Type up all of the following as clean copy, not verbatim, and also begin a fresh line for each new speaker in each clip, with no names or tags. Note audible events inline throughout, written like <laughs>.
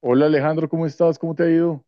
Hola Alejandro, ¿cómo estás? ¿Cómo te ha ido?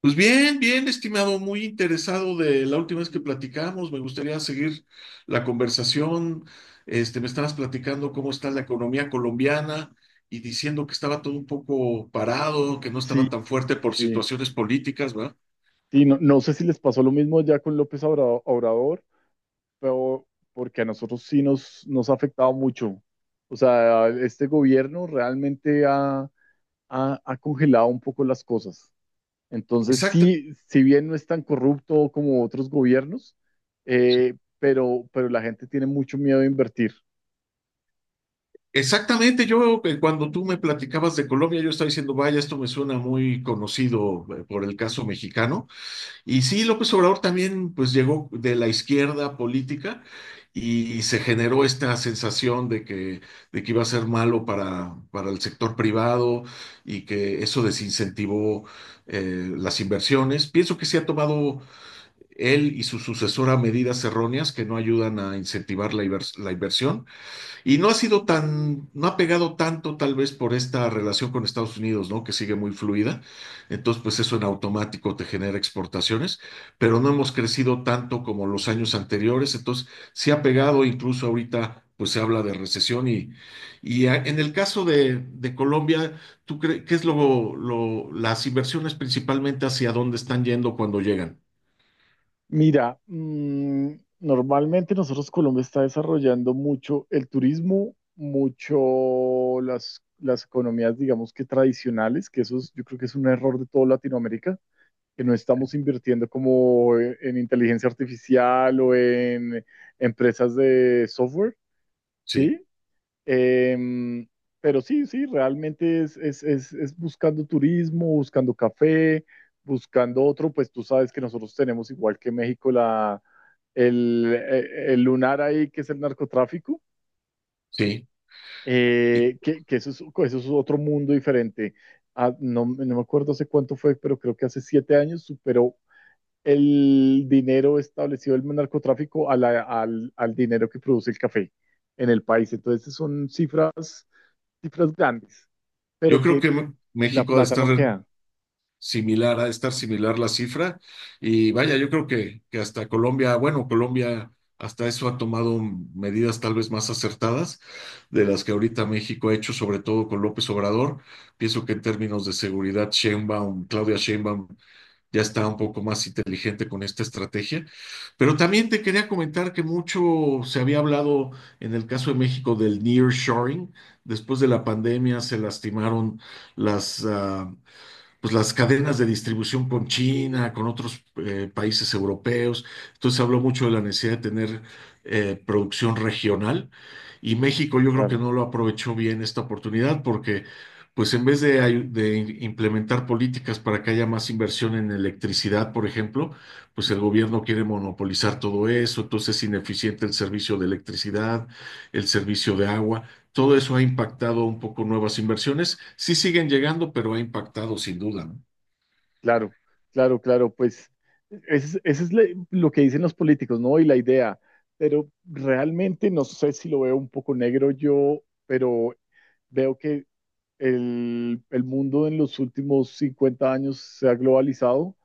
Pues bien, bien, estimado, muy interesado de la última vez que platicamos. Me gustaría seguir la conversación. Me estabas platicando cómo está la economía colombiana y diciendo que estaba todo un poco parado, que no
Sí,
estaba tan fuerte por
sí.
situaciones políticas, ¿verdad?
Sí, no, no sé si les pasó lo mismo ya con López Obrador, pero porque a nosotros sí nos ha afectado mucho. O sea, este gobierno realmente ha congelado un poco las cosas. Entonces,
Exacto.
sí, si bien no es tan corrupto como otros gobiernos, pero la gente tiene mucho miedo a invertir.
Exactamente, yo cuando tú me platicabas de Colombia, yo estaba diciendo, vaya, esto me suena muy conocido por el caso mexicano. Y sí, López Obrador también pues llegó de la izquierda política y se generó esta sensación de que iba a ser malo para el sector privado y que eso desincentivó las inversiones. Pienso que se ha tomado él y su sucesora medidas erróneas que no ayudan a incentivar la inversión y no ha sido no ha pegado tanto tal vez por esta relación con Estados Unidos, ¿no? Que sigue muy fluida. Entonces, pues eso en automático te genera exportaciones, pero no hemos crecido tanto como los años anteriores. Entonces, sí ha pegado, incluso ahorita, pues se habla de recesión. En el caso de Colombia, ¿tú crees qué es las inversiones principalmente hacia dónde están yendo cuando llegan?
Mira, normalmente nosotros Colombia está desarrollando mucho el turismo, mucho las economías, digamos que tradicionales, que yo creo que es un error de toda Latinoamérica, que no estamos invirtiendo como en inteligencia artificial o en empresas de software,
Sí,
¿sí? Em, pero sí, sí, realmente es buscando turismo, buscando café, buscando otro. Pues tú sabes que nosotros tenemos igual que México el lunar ahí, que es el narcotráfico.
sí. Y
Que eso es otro mundo diferente. Ah, no, no me acuerdo hace cuánto fue, pero creo que hace 7 años superó el dinero establecido el narcotráfico a al dinero que produce el café en el país. Entonces son cifras grandes, pero
yo creo
que
que
la
México ha de
plata
estar
no queda,
similar, ha de estar similar la cifra. Y vaya, yo creo que hasta Colombia, bueno, Colombia hasta eso ha tomado medidas tal vez más acertadas de las que ahorita México ha hecho, sobre todo con López Obrador. Pienso que en términos de seguridad, Sheinbaum, Claudia Sheinbaum ya está un poco más inteligente con esta estrategia. Pero también te quería comentar que mucho se había hablado en el caso de México del nearshoring. Después de la pandemia se lastimaron las, ah, pues las cadenas de distribución con China, con otros países europeos. Entonces se habló mucho de la necesidad de tener producción regional y México yo creo que
claro.
no lo aprovechó bien esta oportunidad porque pues en vez de, ayu- de im- implementar políticas para que haya más inversión en electricidad, por ejemplo, pues el gobierno quiere monopolizar todo eso, entonces es ineficiente el servicio de electricidad, el servicio de agua todo eso ha impactado un poco nuevas inversiones. Sí siguen llegando, pero ha impactado sin duda, ¿no?
Claro, claro, claro, pues eso es, ese es lo que dicen los políticos, ¿no? Y la idea. Pero realmente no sé, si lo veo un poco negro yo, pero veo que el mundo en los últimos 50 años se ha globalizado.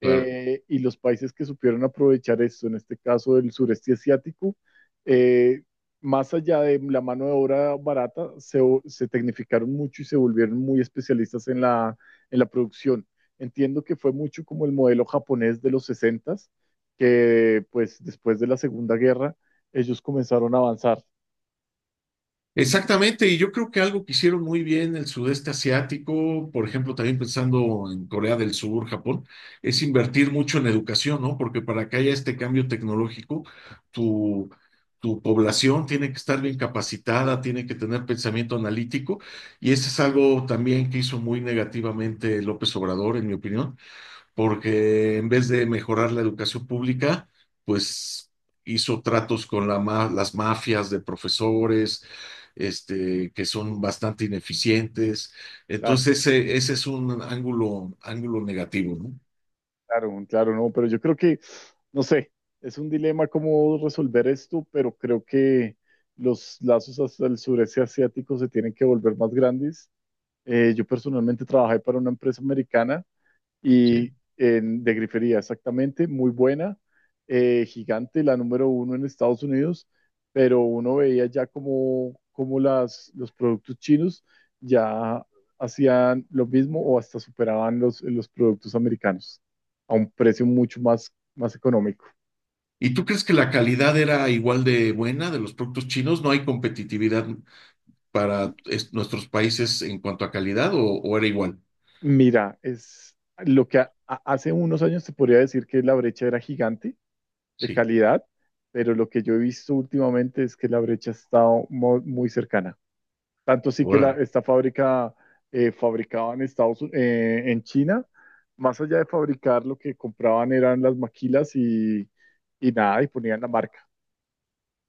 Claro.
Y los países que supieron aprovechar esto, en este caso del sureste asiático, eh, más allá de la mano de obra barata, se tecnificaron mucho y se volvieron muy especialistas en la producción. Entiendo que fue mucho como el modelo japonés de los 60, que pues después de la Segunda Guerra ellos comenzaron a avanzar.
Exactamente, y yo creo que algo que hicieron muy bien el sudeste asiático, por ejemplo, también pensando en Corea del Sur, Japón, es invertir mucho en educación, ¿no? Porque para que haya este cambio tecnológico, tu, tu población tiene que estar bien capacitada, tiene que tener pensamiento analítico, y eso es algo también que hizo muy negativamente López Obrador, en mi opinión, porque en vez de mejorar la educación pública, pues hizo tratos con las mafias de profesores, que son bastante ineficientes. Entonces, ese es un ángulo negativo, ¿no?
Claro, claro, no, pero yo creo que, no sé, es un dilema cómo resolver esto, pero creo que los lazos hasta el sureste asiático se tienen que volver más grandes. Yo personalmente trabajé para una empresa americana
Sí.
de grifería, exactamente, muy buena, gigante, la número uno en Estados Unidos, pero uno veía ya como los productos chinos ya hacían lo mismo o hasta superaban los productos americanos a un precio mucho más económico.
¿Y tú crees que la calidad era igual de buena de los productos chinos? ¿No hay competitividad para nuestros países en cuanto a calidad o era igual?
Mira, es lo que hace unos años te podría decir que la brecha era gigante de
Sí.
calidad, pero lo que yo he visto últimamente es que la brecha ha estado muy cercana. Tanto sí que la,
Bueno.
esta fábrica fabricaba en Estados Unidos, en China. Más allá de fabricar, lo que compraban eran las maquilas y nada, y ponían la marca.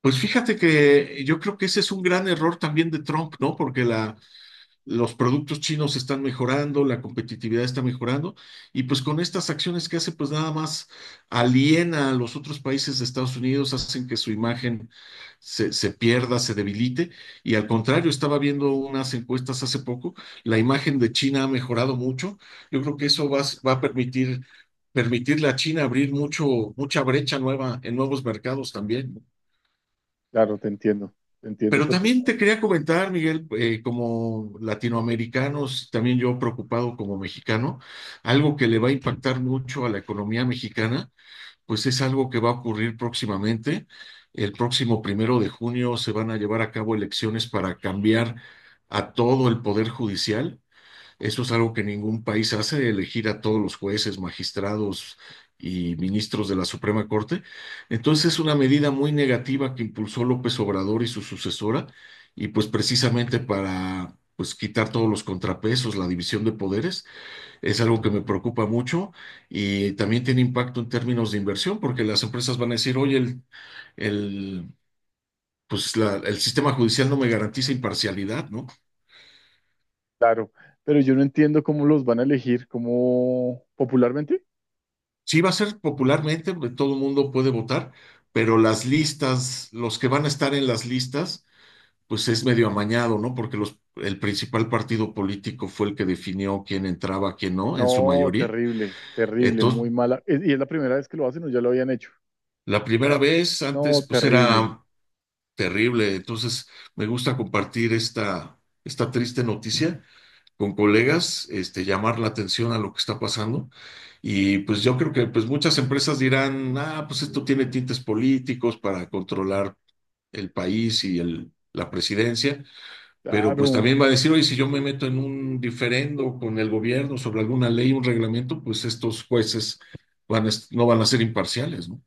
Pues fíjate que yo creo que ese es un gran error también de Trump, ¿no? Porque los productos chinos están mejorando, la competitividad está mejorando, y pues con estas acciones que hace, pues nada más aliena a los otros países de Estados Unidos, hacen que su imagen se pierda, se debilite, y al contrario, estaba viendo unas encuestas hace poco, la imagen de China ha mejorado mucho, yo creo que eso va a permitirle a China abrir mucho, mucha brecha nueva en nuevos mercados también.
Claro, te entiendo
Pero
perfecto.
también te quería comentar, Miguel, como latinoamericanos, también yo preocupado como mexicano, algo que le va a impactar mucho a la economía mexicana, pues es algo que va a ocurrir próximamente. El próximo primero de junio se van a llevar a cabo elecciones para cambiar a todo el poder judicial. Eso es algo que ningún país hace, elegir a todos los jueces, magistrados y ministros de la Suprema Corte. Entonces es una medida muy negativa que impulsó López Obrador y su sucesora, y pues precisamente para pues quitar todos los contrapesos, la división de poderes, es algo que me preocupa mucho y también tiene impacto en términos de inversión, porque las empresas van a decir, oye, el, pues el sistema judicial no me garantiza imparcialidad, ¿no?
Claro, pero yo no entiendo cómo los van a elegir, cómo, popularmente.
Sí, va a ser popularmente, todo el mundo puede votar, pero las listas, los que van a estar en las listas, pues es medio amañado, ¿no? Porque el principal partido político fue el que definió quién entraba, quién no, en su
No,
mayoría.
terrible, terrible,
Entonces,
muy mala. ¿Y es la primera vez que lo hacen o ya lo habían hecho?
la primera vez
No,
antes, pues
terrible.
era terrible. Entonces, me gusta compartir esta triste noticia con colegas, llamar la atención a lo que está pasando. Y pues yo creo que pues muchas empresas dirán, ah, pues esto tiene tintes políticos para controlar el país y la presidencia, pero pues
Claro,
también va a decir, oye, si yo me meto en un diferendo con el gobierno sobre alguna ley, un reglamento, pues estos jueces van a no van a ser imparciales, ¿no?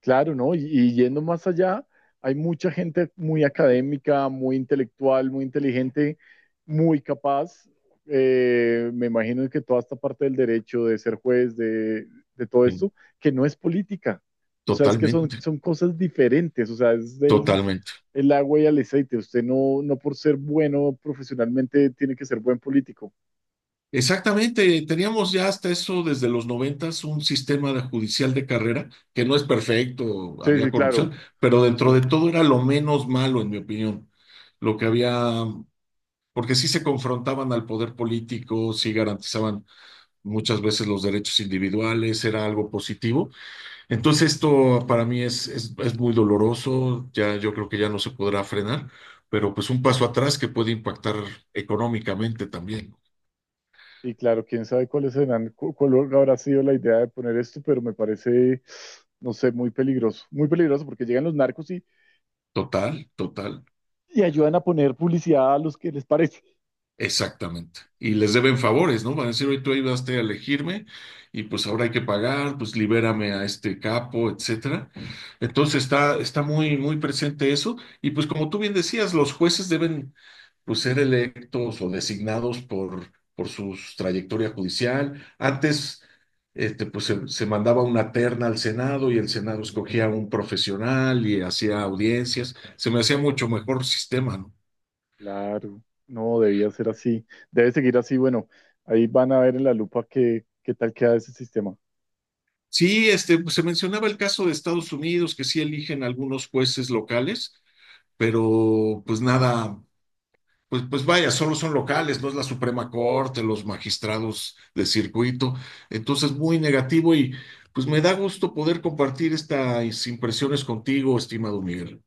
claro, ¿no? Y yendo más allá, hay mucha gente muy académica, muy intelectual, muy inteligente, muy capaz. Me imagino que toda esta parte del derecho, de ser juez, de todo
Sí.
esto, que no es política. O sea, es que son,
Totalmente,
son cosas diferentes. O sea, es del
totalmente.
el agua y el aceite. Usted no, no por ser bueno profesionalmente tiene que ser buen político.
Exactamente, teníamos ya hasta eso desde los noventas un sistema de judicial de carrera que no es perfecto,
Sí,
había
sí, claro.
corrupción, pero dentro de
Claro.
todo era lo menos malo, en mi opinión. Lo que había, porque sí se confrontaban al poder político, sí garantizaban muchas veces los derechos individuales, era algo positivo. Entonces esto para mí es muy doloroso, ya yo creo que ya no se podrá frenar, pero pues un paso atrás que puede impactar económicamente también.
Y claro, quién sabe cuáles serán, cuál habrá sido la idea de poner esto, pero me parece, no sé, muy peligroso. Muy peligroso porque llegan los narcos y,
Total, total.
y ayudan a poner publicidad a los que les parece.
Exactamente. Y les deben favores, ¿no? Van a decir, hoy tú ayudaste a elegirme y pues ahora hay que pagar, pues libérame a este capo, etcétera. Entonces está, está muy, muy presente eso. Y pues como tú bien decías, los jueces deben pues ser electos o designados por su trayectoria judicial. Antes, pues se mandaba una terna al Senado y el Senado escogía a un profesional y hacía audiencias. Se me hacía mucho mejor sistema, ¿no?
Claro, no, debía ser así. Debe seguir así. Bueno, ahí van a ver en la lupa qué tal queda ese sistema.
Sí, pues, se mencionaba el caso de Estados Unidos, que sí eligen algunos jueces locales, pero pues nada, pues vaya, solo son locales, no es la Suprema Corte, los magistrados de circuito. Entonces, muy negativo y pues me da gusto poder compartir estas impresiones contigo, estimado Miguel.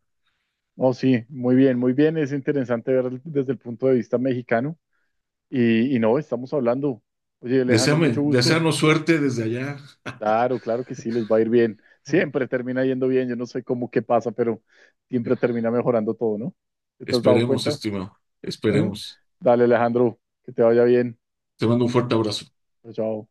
Oh, sí, muy bien, muy bien. Es interesante ver desde el punto de vista mexicano. Y no, estamos hablando. Oye, Alejandro,
Deseame,
mucho gusto.
desearnos suerte desde allá.
Claro, claro que sí, les va a ir bien. Siempre termina yendo bien. Yo no sé cómo qué pasa, pero siempre termina mejorando todo, ¿no? ¿Te has dado
Esperemos,
cuenta?
estimado,
<laughs>
esperemos.
Dale, Alejandro, que te vaya bien.
Te mando un fuerte abrazo.
Chao, chao.